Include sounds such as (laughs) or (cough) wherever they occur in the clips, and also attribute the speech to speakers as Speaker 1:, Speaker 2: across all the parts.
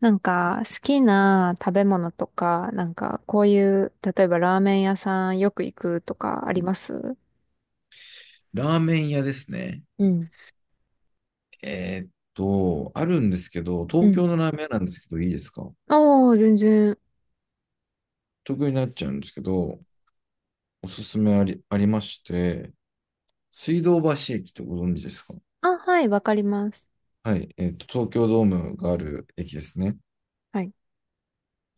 Speaker 1: なんか、好きな食べ物とか、なんか、こういう、例えばラーメン屋さんよく行くとかあります？
Speaker 2: ラーメン屋ですね。
Speaker 1: うん、
Speaker 2: あるんですけど、
Speaker 1: う
Speaker 2: 東
Speaker 1: ん。
Speaker 2: 京のラーメン屋なんですけど、いいですか？
Speaker 1: あー全然。
Speaker 2: 東京になっちゃうんですけど、おすすめありまして、水道橋駅ってご存知ですか？
Speaker 1: あ、はい、わかります。
Speaker 2: はい、東京ドームがある駅ですね。
Speaker 1: はい。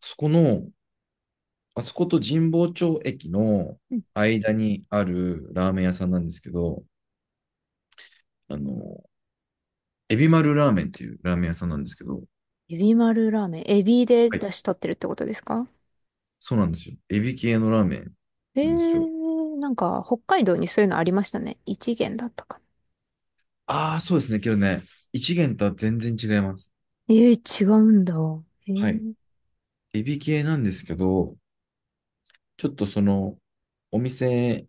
Speaker 2: そこの、あそこと神保町駅の
Speaker 1: うん。
Speaker 2: 間にあるラーメン屋さんなんですけど、あの、エビ丸ラーメンっていうラーメン屋さんなんですけど、
Speaker 1: エビ丸ラーメン。エビで
Speaker 2: はい、
Speaker 1: 出し取ってるってことですか？
Speaker 2: そうなんですよ。エビ系のラーメンなんですよ。
Speaker 1: なんか、北海道にそういうのありましたね。一元だったかな。
Speaker 2: ああ、そうですね。けどね、一元とは全然違います。
Speaker 1: えー、違うんだ。え
Speaker 2: はい。
Speaker 1: ー、
Speaker 2: エビ系なんですけど、ちょっとその、お店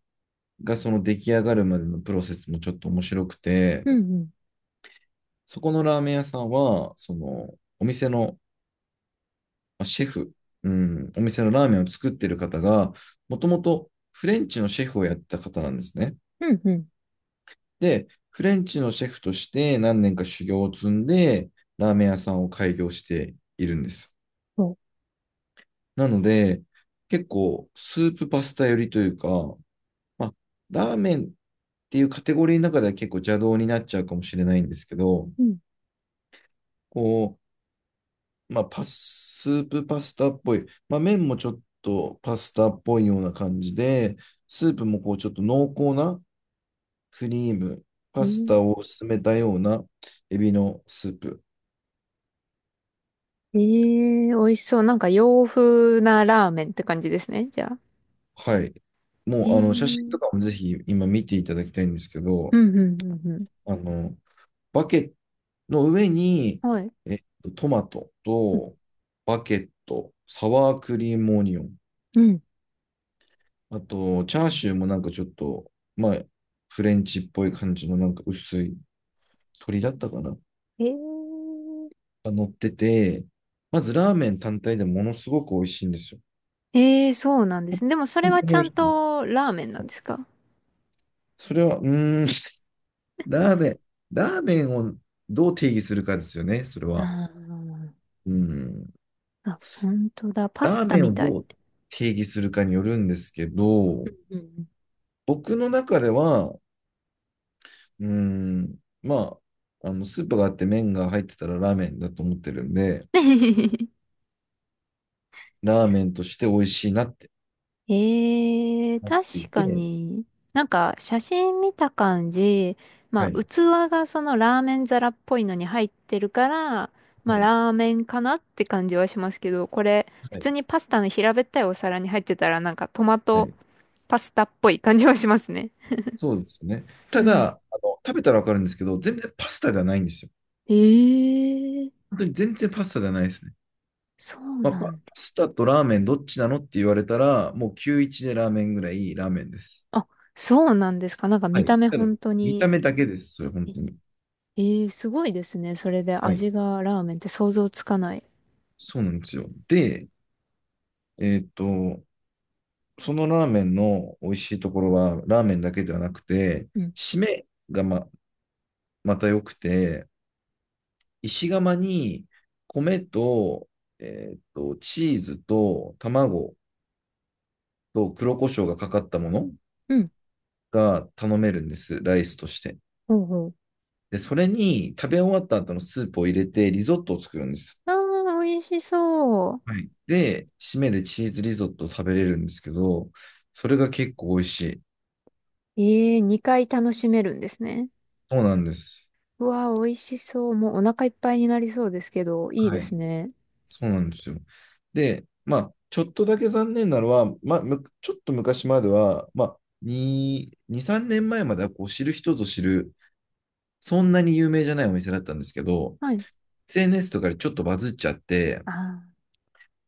Speaker 2: がその出来上がるまでのプロセスもちょっと面白くて、
Speaker 1: うん、
Speaker 2: そこのラーメン屋さんは、その、お店のまあシェフ、うん、お店のラーメンを作ってる方が、もともとフレンチのシェフをやってた方なんですね。
Speaker 1: うん、うん、うん。
Speaker 2: で、フレンチのシェフとして何年か修行を積んで、ラーメン屋さんを開業しているんです。
Speaker 1: そ
Speaker 2: なので、結構スープパスタ寄りというか、まあ、ラーメンっていうカテゴリーの中では結構邪道になっちゃうかもしれないんですけど、
Speaker 1: う。うん、
Speaker 2: こう、まあ、パス、スープパスタっぽい、まあ、麺もちょっとパスタっぽいような感じで、スープもこうちょっと濃厚なクリーム、パスタを薄めたようなエビのスープ。
Speaker 1: えー、えー美味しそう。なんか洋風なラーメンって感じですね。じゃあ。
Speaker 2: はい。も
Speaker 1: ええ、
Speaker 2: うあの
Speaker 1: う
Speaker 2: 写真とか
Speaker 1: ん、
Speaker 2: もぜひ今見ていただきたいんですけ
Speaker 1: う
Speaker 2: ど、
Speaker 1: んうんう
Speaker 2: あの、バケッの上に、
Speaker 1: ん。はい。
Speaker 2: えっトマトと、バケット、サワークリームオニオン、
Speaker 1: うん。
Speaker 2: あと、チャーシューもなんかちょっと、まあ、フレンチっぽい感じのなんか薄い鶏だったかな
Speaker 1: えー、
Speaker 2: が乗ってて、まずラーメン単体でものすごく美味しいんですよ。
Speaker 1: ええ、そうなんですね。でもそれ
Speaker 2: 本
Speaker 1: は
Speaker 2: 当に
Speaker 1: ち
Speaker 2: 美
Speaker 1: ゃ
Speaker 2: 味
Speaker 1: ん
Speaker 2: しいです。
Speaker 1: とラーメンなんですか？
Speaker 2: それは、うーん、ラーメン、ラーメンをどう定義するかですよね、それ
Speaker 1: あ
Speaker 2: は。
Speaker 1: ー
Speaker 2: うん、
Speaker 1: あ、本当だ。パ
Speaker 2: ラ
Speaker 1: ス
Speaker 2: ー
Speaker 1: タ
Speaker 2: メン
Speaker 1: み
Speaker 2: を
Speaker 1: たい。
Speaker 2: どう定義するかによるんですけど、
Speaker 1: うん。
Speaker 2: 僕の中では、うーん。まあ、あの、スープがあって麺が入ってたらラーメンだと思ってるんで、
Speaker 1: (laughs)
Speaker 2: ラーメンとして美味しいなって
Speaker 1: ええ、
Speaker 2: なっ
Speaker 1: 確
Speaker 2: てい
Speaker 1: か
Speaker 2: て、
Speaker 1: に。なんか写真見た感じ、
Speaker 2: は
Speaker 1: まあ
Speaker 2: い。
Speaker 1: 器がそのラーメン皿っぽいのに入ってるから、ま
Speaker 2: は
Speaker 1: あ
Speaker 2: い。
Speaker 1: ラーメンかなって感じはしますけど、これ普
Speaker 2: はい。
Speaker 1: 通にパスタの平べったいお皿に入ってたらなんかトマ
Speaker 2: は
Speaker 1: ト
Speaker 2: い、
Speaker 1: パスタっぽい感じはしますね。
Speaker 2: そうですよね。
Speaker 1: う
Speaker 2: た
Speaker 1: ん。
Speaker 2: だ、あの、食べたらわかるんですけど、全然パスタじゃないんですよ。
Speaker 1: ええ、
Speaker 2: 本当に全然パスタじゃないですね。
Speaker 1: そう
Speaker 2: まあ、パ
Speaker 1: な
Speaker 2: パ
Speaker 1: んだ。
Speaker 2: スタとラーメンどっちなのって言われたら、もう91でラーメンぐらいラーメンです。
Speaker 1: あ、そうなんですか。なんか
Speaker 2: は
Speaker 1: 見た
Speaker 2: い。
Speaker 1: 目
Speaker 2: ただ、
Speaker 1: 本当
Speaker 2: 見
Speaker 1: に。
Speaker 2: た目だけです。それ、本
Speaker 1: え
Speaker 2: 当に。
Speaker 1: ええ、すごいですね。それで
Speaker 2: はい。
Speaker 1: 味がラーメンって想像つかない。
Speaker 2: そうなんですよ。で、えっと、そのラーメンの美味しいところは、ラーメンだけではなくて、
Speaker 1: うん。
Speaker 2: 締めがま、また良くて、石窯に米と、チーズと卵と黒胡椒がかかったもの
Speaker 1: うん。
Speaker 2: が頼めるんです、ライスとして。
Speaker 1: ほうほう。
Speaker 2: で、それに食べ終わった後のスープを入れてリゾットを作るんです。
Speaker 1: ああ、美味しそう。
Speaker 2: はい。で、締めでチーズリゾットを食べれるんですけど、それが結構美味しい。
Speaker 1: ええ、2回楽しめるんですね。
Speaker 2: そうなんです。
Speaker 1: うわー、美味しそう。もうお腹いっぱいになりそうですけど、いい
Speaker 2: は
Speaker 1: です
Speaker 2: い。
Speaker 1: ね。
Speaker 2: そうなんですよ。で、まあ、ちょっとだけ残念なのは、まあ、ちょっと昔までは、まあ、2、2、3年前まではこう知る人ぞ知る、そんなに有名じゃないお店だったんですけど、
Speaker 1: はい。
Speaker 2: SNS とかでちょっとバズっちゃって、
Speaker 1: あ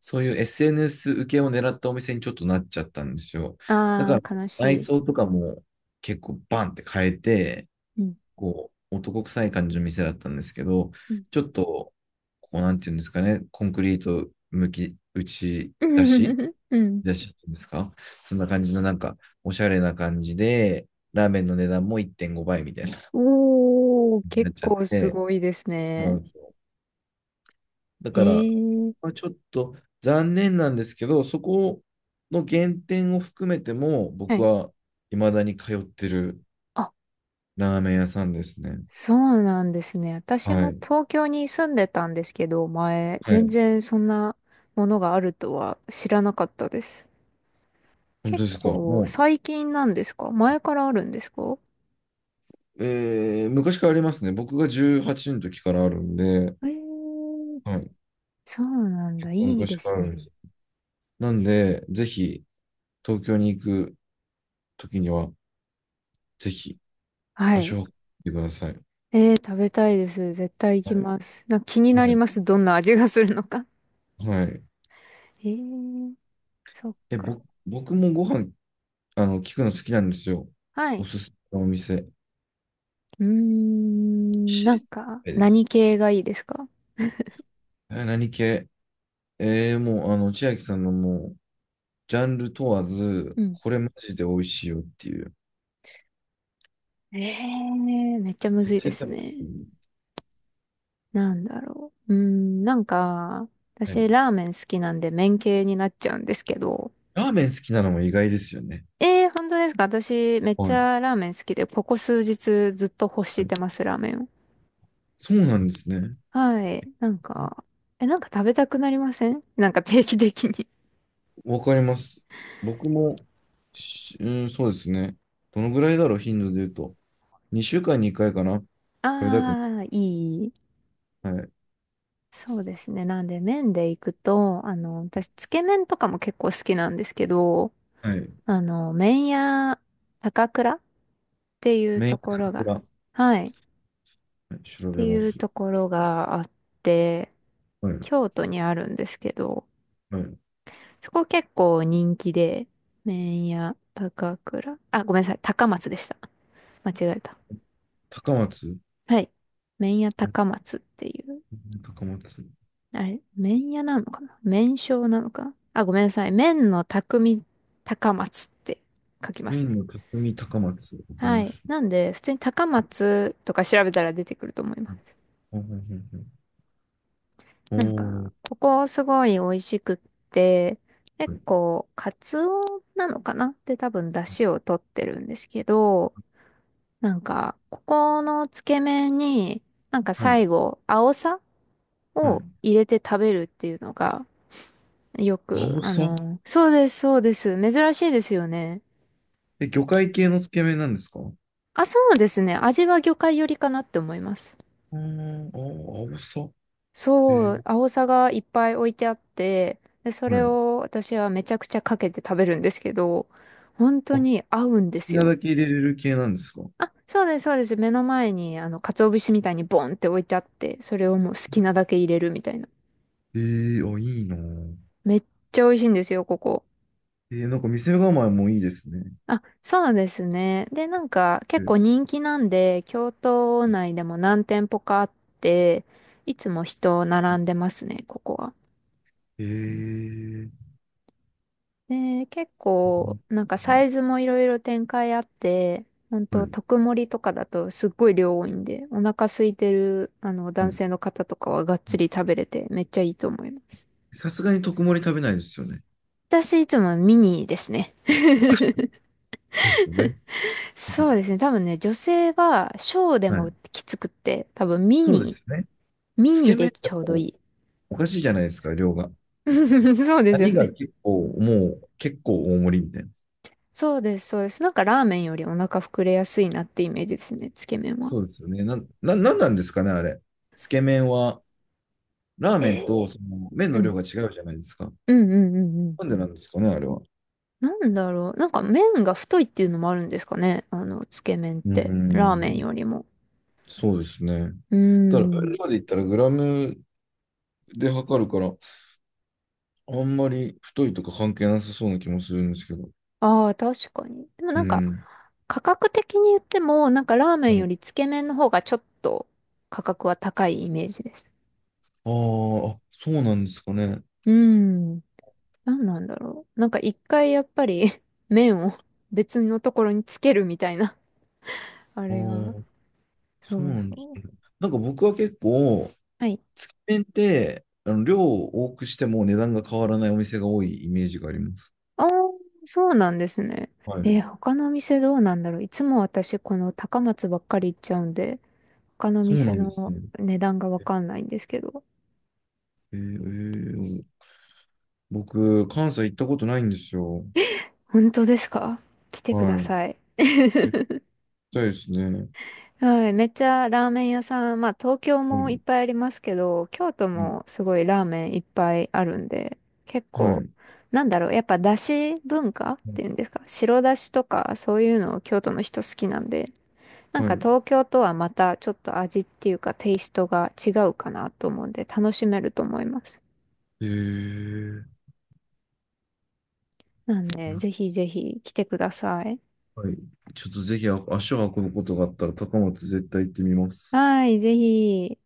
Speaker 2: そういう SNS 受けを狙ったお店にちょっとなっちゃったんですよ。だか
Speaker 1: あ、
Speaker 2: ら、
Speaker 1: ああ、悲し
Speaker 2: 内
Speaker 1: い。
Speaker 2: 装とかも結構バンって変えて、
Speaker 1: うん。
Speaker 2: こう、男臭い感じの店だったんですけど、
Speaker 1: う
Speaker 2: ちょっと、こう、なんていうんですかね、コンクリート向き、打ち
Speaker 1: ん。
Speaker 2: 出し
Speaker 1: (laughs) うん。
Speaker 2: 出しっていうんですか？そんな感じの、なんか、おしゃれな感じで、ラーメンの値段も1.5倍みたいな、
Speaker 1: おー、
Speaker 2: な
Speaker 1: 結
Speaker 2: っちゃっ
Speaker 1: 構す
Speaker 2: て、
Speaker 1: ごいです
Speaker 2: そうな
Speaker 1: ね。
Speaker 2: んですよ。だ
Speaker 1: へ
Speaker 2: から、
Speaker 1: え。
Speaker 2: まあ、ちょっと残念なんですけど、そこの原点を含めても、
Speaker 1: は
Speaker 2: 僕
Speaker 1: い。
Speaker 2: は未だに通ってる
Speaker 1: あ、
Speaker 2: ラーメン屋さんですね。
Speaker 1: そうなんですね。私
Speaker 2: は
Speaker 1: も
Speaker 2: い。
Speaker 1: 東京に住んでたんですけど、前、
Speaker 2: は
Speaker 1: 全
Speaker 2: い。
Speaker 1: 然そんなものがあるとは知らなかったです。
Speaker 2: 本当
Speaker 1: 結
Speaker 2: ですか。
Speaker 1: 構
Speaker 2: もう、
Speaker 1: 最近なんですか？前からあるんですか？
Speaker 2: えー昔からありますね。僕が18の時からあるんで、
Speaker 1: えー、
Speaker 2: はい、
Speaker 1: そうなん
Speaker 2: 結
Speaker 1: だ。
Speaker 2: 構
Speaker 1: いい
Speaker 2: 昔
Speaker 1: で
Speaker 2: から
Speaker 1: す
Speaker 2: あるんで
Speaker 1: ね。
Speaker 2: す。なんで、ぜひ、東京に行く時には、ぜひ、
Speaker 1: は
Speaker 2: 足
Speaker 1: い。
Speaker 2: を運んでください。
Speaker 1: えー、食べたいです。絶対行き
Speaker 2: はい。
Speaker 1: ます。なんか気にな
Speaker 2: は
Speaker 1: り
Speaker 2: い。
Speaker 1: ます。どんな味がするのか。
Speaker 2: はい。
Speaker 1: えー、そっ
Speaker 2: え、ぼ、
Speaker 1: か。
Speaker 2: 僕もご飯、あの、聞くの好きなんですよ。
Speaker 1: は
Speaker 2: お
Speaker 1: い。
Speaker 2: すすめのお店。
Speaker 1: うーん、
Speaker 2: 知
Speaker 1: なん
Speaker 2: り
Speaker 1: か、
Speaker 2: たいです。
Speaker 1: 何系がいいですか？
Speaker 2: え、何系？もう、あの、千秋さんのもう、ジャンル問わず、
Speaker 1: うん。
Speaker 2: これマジで美味しいよっていう。
Speaker 1: ええー、めっちゃむず
Speaker 2: 絶
Speaker 1: いで
Speaker 2: 対
Speaker 1: す
Speaker 2: 食べてい
Speaker 1: ね。
Speaker 2: い。
Speaker 1: なんだろう。うーん、なんか、
Speaker 2: はい。
Speaker 1: 私、ラーメン好きなんで、麺系になっちゃうんですけど。
Speaker 2: ラーメン好きなのも意外ですよね。
Speaker 1: ええー、本当ですか？私、めっち
Speaker 2: はい。
Speaker 1: ゃラーメン好きで、ここ数日ずっと欲
Speaker 2: は
Speaker 1: し
Speaker 2: い。
Speaker 1: てます、ラーメンを。
Speaker 2: そうなんですね。
Speaker 1: はい。なんか、え、なんか食べたくなりません？なんか定期的に。
Speaker 2: わかります。僕も、しうん、そうですね。どのぐらいだろう、頻度で言うと。2週間に1回かな。
Speaker 1: (laughs)
Speaker 2: 食べたく
Speaker 1: ああ、いい。
Speaker 2: ない。はい。
Speaker 1: そうですね。なんで麺で行くと、あの、私、つけ麺とかも結構好きなんですけど、
Speaker 2: はい。
Speaker 1: あの、麺屋高倉っていう
Speaker 2: メイン
Speaker 1: と
Speaker 2: の
Speaker 1: こ
Speaker 2: 価
Speaker 1: ろ
Speaker 2: 格
Speaker 1: が、
Speaker 2: だ。は
Speaker 1: はい、っ
Speaker 2: い、調
Speaker 1: て
Speaker 2: べ
Speaker 1: い
Speaker 2: ま
Speaker 1: う
Speaker 2: す。
Speaker 1: ところがあって、
Speaker 2: はい。
Speaker 1: 京都にあるんですけど、
Speaker 2: はい。
Speaker 1: そこ結構人気で、麺屋高倉、あ、ごめんなさい、高松でした。間違えた。
Speaker 2: 高松。
Speaker 1: はい。麺屋
Speaker 2: あ、
Speaker 1: 高松っていう、
Speaker 2: 高松。
Speaker 1: あれ、麺屋なのかな、麺匠なのか、あ、ごめんなさい。麺の匠高松って書きま
Speaker 2: メイ
Speaker 1: す
Speaker 2: ン
Speaker 1: ね。
Speaker 2: の匠高松。わかり
Speaker 1: は
Speaker 2: ま
Speaker 1: い。
Speaker 2: し
Speaker 1: なんで、普通に高松とか調べたら出てくると思いま
Speaker 2: た。はい。
Speaker 1: す。
Speaker 2: はいはいはいはい、お
Speaker 1: なんか、
Speaker 2: ー。
Speaker 1: ここすごい美味しくって、結
Speaker 2: はい。
Speaker 1: 構、カツオなのかなって多分出汁を取ってるんですけど、なんか、ここのつけ麺に、なんか
Speaker 2: はい。
Speaker 1: 最後、青さ
Speaker 2: は
Speaker 1: を
Speaker 2: い。
Speaker 1: 入れて食べるっていうのが、よく、
Speaker 2: 青
Speaker 1: あ
Speaker 2: さ。
Speaker 1: の、そうです、そうです。珍しいですよね。
Speaker 2: え、魚介系のつけ麺なんですか？あ
Speaker 1: あ、そうですね。味は魚介寄りかなって思います。
Speaker 2: ー、あー、青さ。え、
Speaker 1: そう、青さがいっぱい置いてあって、で、そ
Speaker 2: は
Speaker 1: れ
Speaker 2: い。
Speaker 1: を私はめちゃくちゃかけて食べるんですけど、本当
Speaker 2: あ、好
Speaker 1: に合うんで
Speaker 2: き
Speaker 1: す
Speaker 2: な
Speaker 1: よ。
Speaker 2: だけ入れれる系なんですか？
Speaker 1: あ、そうです、そうです。目の前に、あの、鰹節みたいにボンって置いてあって、それをもう好きなだけ入れるみたいな。
Speaker 2: ええー、あ、いいなぁ。
Speaker 1: めっちゃ美味しいんですよ、ここ。
Speaker 2: えー、なんか店構えもいいですね。
Speaker 1: あ、そうですね。で、なんか結構人気なんで、京都内でも何店舗かあって、いつも人並んでますね、ここは。
Speaker 2: ええー、
Speaker 1: で、結
Speaker 2: う
Speaker 1: 構
Speaker 2: ん、
Speaker 1: なんかサイズもいろいろ展開あって、ほん
Speaker 2: は
Speaker 1: と
Speaker 2: い、
Speaker 1: 特盛りとかだとすっごい量多いんで、お腹空いてるあの
Speaker 2: は
Speaker 1: 男
Speaker 2: い。
Speaker 1: 性の方とかはがっつり食べれてめっちゃいいと思います。
Speaker 2: さすがに特盛り食べないですよね。
Speaker 1: 私いつもミニですね。(laughs)
Speaker 2: そうですよね。う
Speaker 1: そう
Speaker 2: ん、
Speaker 1: ですね。多分ね、女性は小で
Speaker 2: は
Speaker 1: も
Speaker 2: い。
Speaker 1: きつくって、多分ミ
Speaker 2: そうで
Speaker 1: ニ
Speaker 2: すよね。
Speaker 1: ミ
Speaker 2: つ
Speaker 1: ニ
Speaker 2: け
Speaker 1: で
Speaker 2: 麺だ
Speaker 1: ちょうどい
Speaker 2: と
Speaker 1: い。
Speaker 2: おかしいじゃないですか、量が。
Speaker 1: (laughs) そうですよ
Speaker 2: 波が
Speaker 1: ね。
Speaker 2: 結構、もう結構大盛りみたいな。
Speaker 1: そうです、そうです。なんかラーメンよりお腹膨れやすいなってイメージですね、つけ麺は。
Speaker 2: そうですよね。なんなんですかね、あれ。つけ麺は、ラーメ
Speaker 1: え
Speaker 2: ンと
Speaker 1: ー、
Speaker 2: その麺
Speaker 1: う
Speaker 2: の量
Speaker 1: ん。
Speaker 2: が違うじゃないですか。
Speaker 1: うん、うんうんうん。
Speaker 2: なんでなんですかね、あれは。
Speaker 1: なんだろう。なんか麺が太いっていうのもあるんですかね。あの、つけ麺っ
Speaker 2: う
Speaker 1: て。ラーメン
Speaker 2: ん、
Speaker 1: よりも。
Speaker 2: そうですね。
Speaker 1: うー
Speaker 2: ただ、今
Speaker 1: ん。
Speaker 2: まで言ったらグラムで測るから、あんまり太いとか関係なさそうな気もするんですけど。
Speaker 1: ああ、確かに。でも
Speaker 2: う
Speaker 1: なんか、
Speaker 2: ん。
Speaker 1: 価格的に言っても、なんかラーメ
Speaker 2: は
Speaker 1: ンよ
Speaker 2: い、
Speaker 1: りつけ麺の方がちょっと価格は高いイメージです。
Speaker 2: あーあ、そうなんですかね。
Speaker 1: うーん。何なんだろう。なんか一回やっぱり、 (laughs) 麺を別のところにつけるみたいな。(laughs) あ
Speaker 2: ああ、
Speaker 1: れが。
Speaker 2: そう
Speaker 1: そう
Speaker 2: なん
Speaker 1: そ
Speaker 2: です
Speaker 1: う。
Speaker 2: ね。なんか僕は結構、
Speaker 1: はい。
Speaker 2: つけ麺って、あの、量を多くしても値段が変わらないお店が多いイメージがあります。
Speaker 1: ああ、そうなんですね。
Speaker 2: はい。
Speaker 1: えー、他のお店どうなんだろう。いつも私この高松ばっかり行っちゃうんで、他のお
Speaker 2: そうな
Speaker 1: 店
Speaker 2: んです
Speaker 1: の
Speaker 2: ね。
Speaker 1: 値段がわ
Speaker 2: え
Speaker 1: かんないんですけど。
Speaker 2: ー、えー僕、関西行ったことないんですよ。
Speaker 1: 本当ですか？来てくだ
Speaker 2: はい。
Speaker 1: さい。
Speaker 2: 行き
Speaker 1: (laughs)
Speaker 2: たいですね。
Speaker 1: はい、めっちゃラーメン屋さん、まあ東京
Speaker 2: は
Speaker 1: もいっ
Speaker 2: い。
Speaker 1: ぱいありますけど、京都
Speaker 2: うん。
Speaker 1: もすごいラーメンいっぱいあるんで、結
Speaker 2: はい。
Speaker 1: 構、
Speaker 2: う
Speaker 1: なんだろう、やっぱだし文化っ
Speaker 2: ん
Speaker 1: ていうんですか、白だしとかそういうのを京都の人好きなんで、なん
Speaker 2: は
Speaker 1: か
Speaker 2: い。
Speaker 1: 東京とはまたちょっと味っていうかテイストが違うかなと思うんで、楽しめると思います。
Speaker 2: えー、
Speaker 1: なんで、ぜひぜひ来てください。
Speaker 2: はいはい、ちょっとぜひ足を運ぶことがあったら高松絶対行ってみます。
Speaker 1: はい、ぜひ。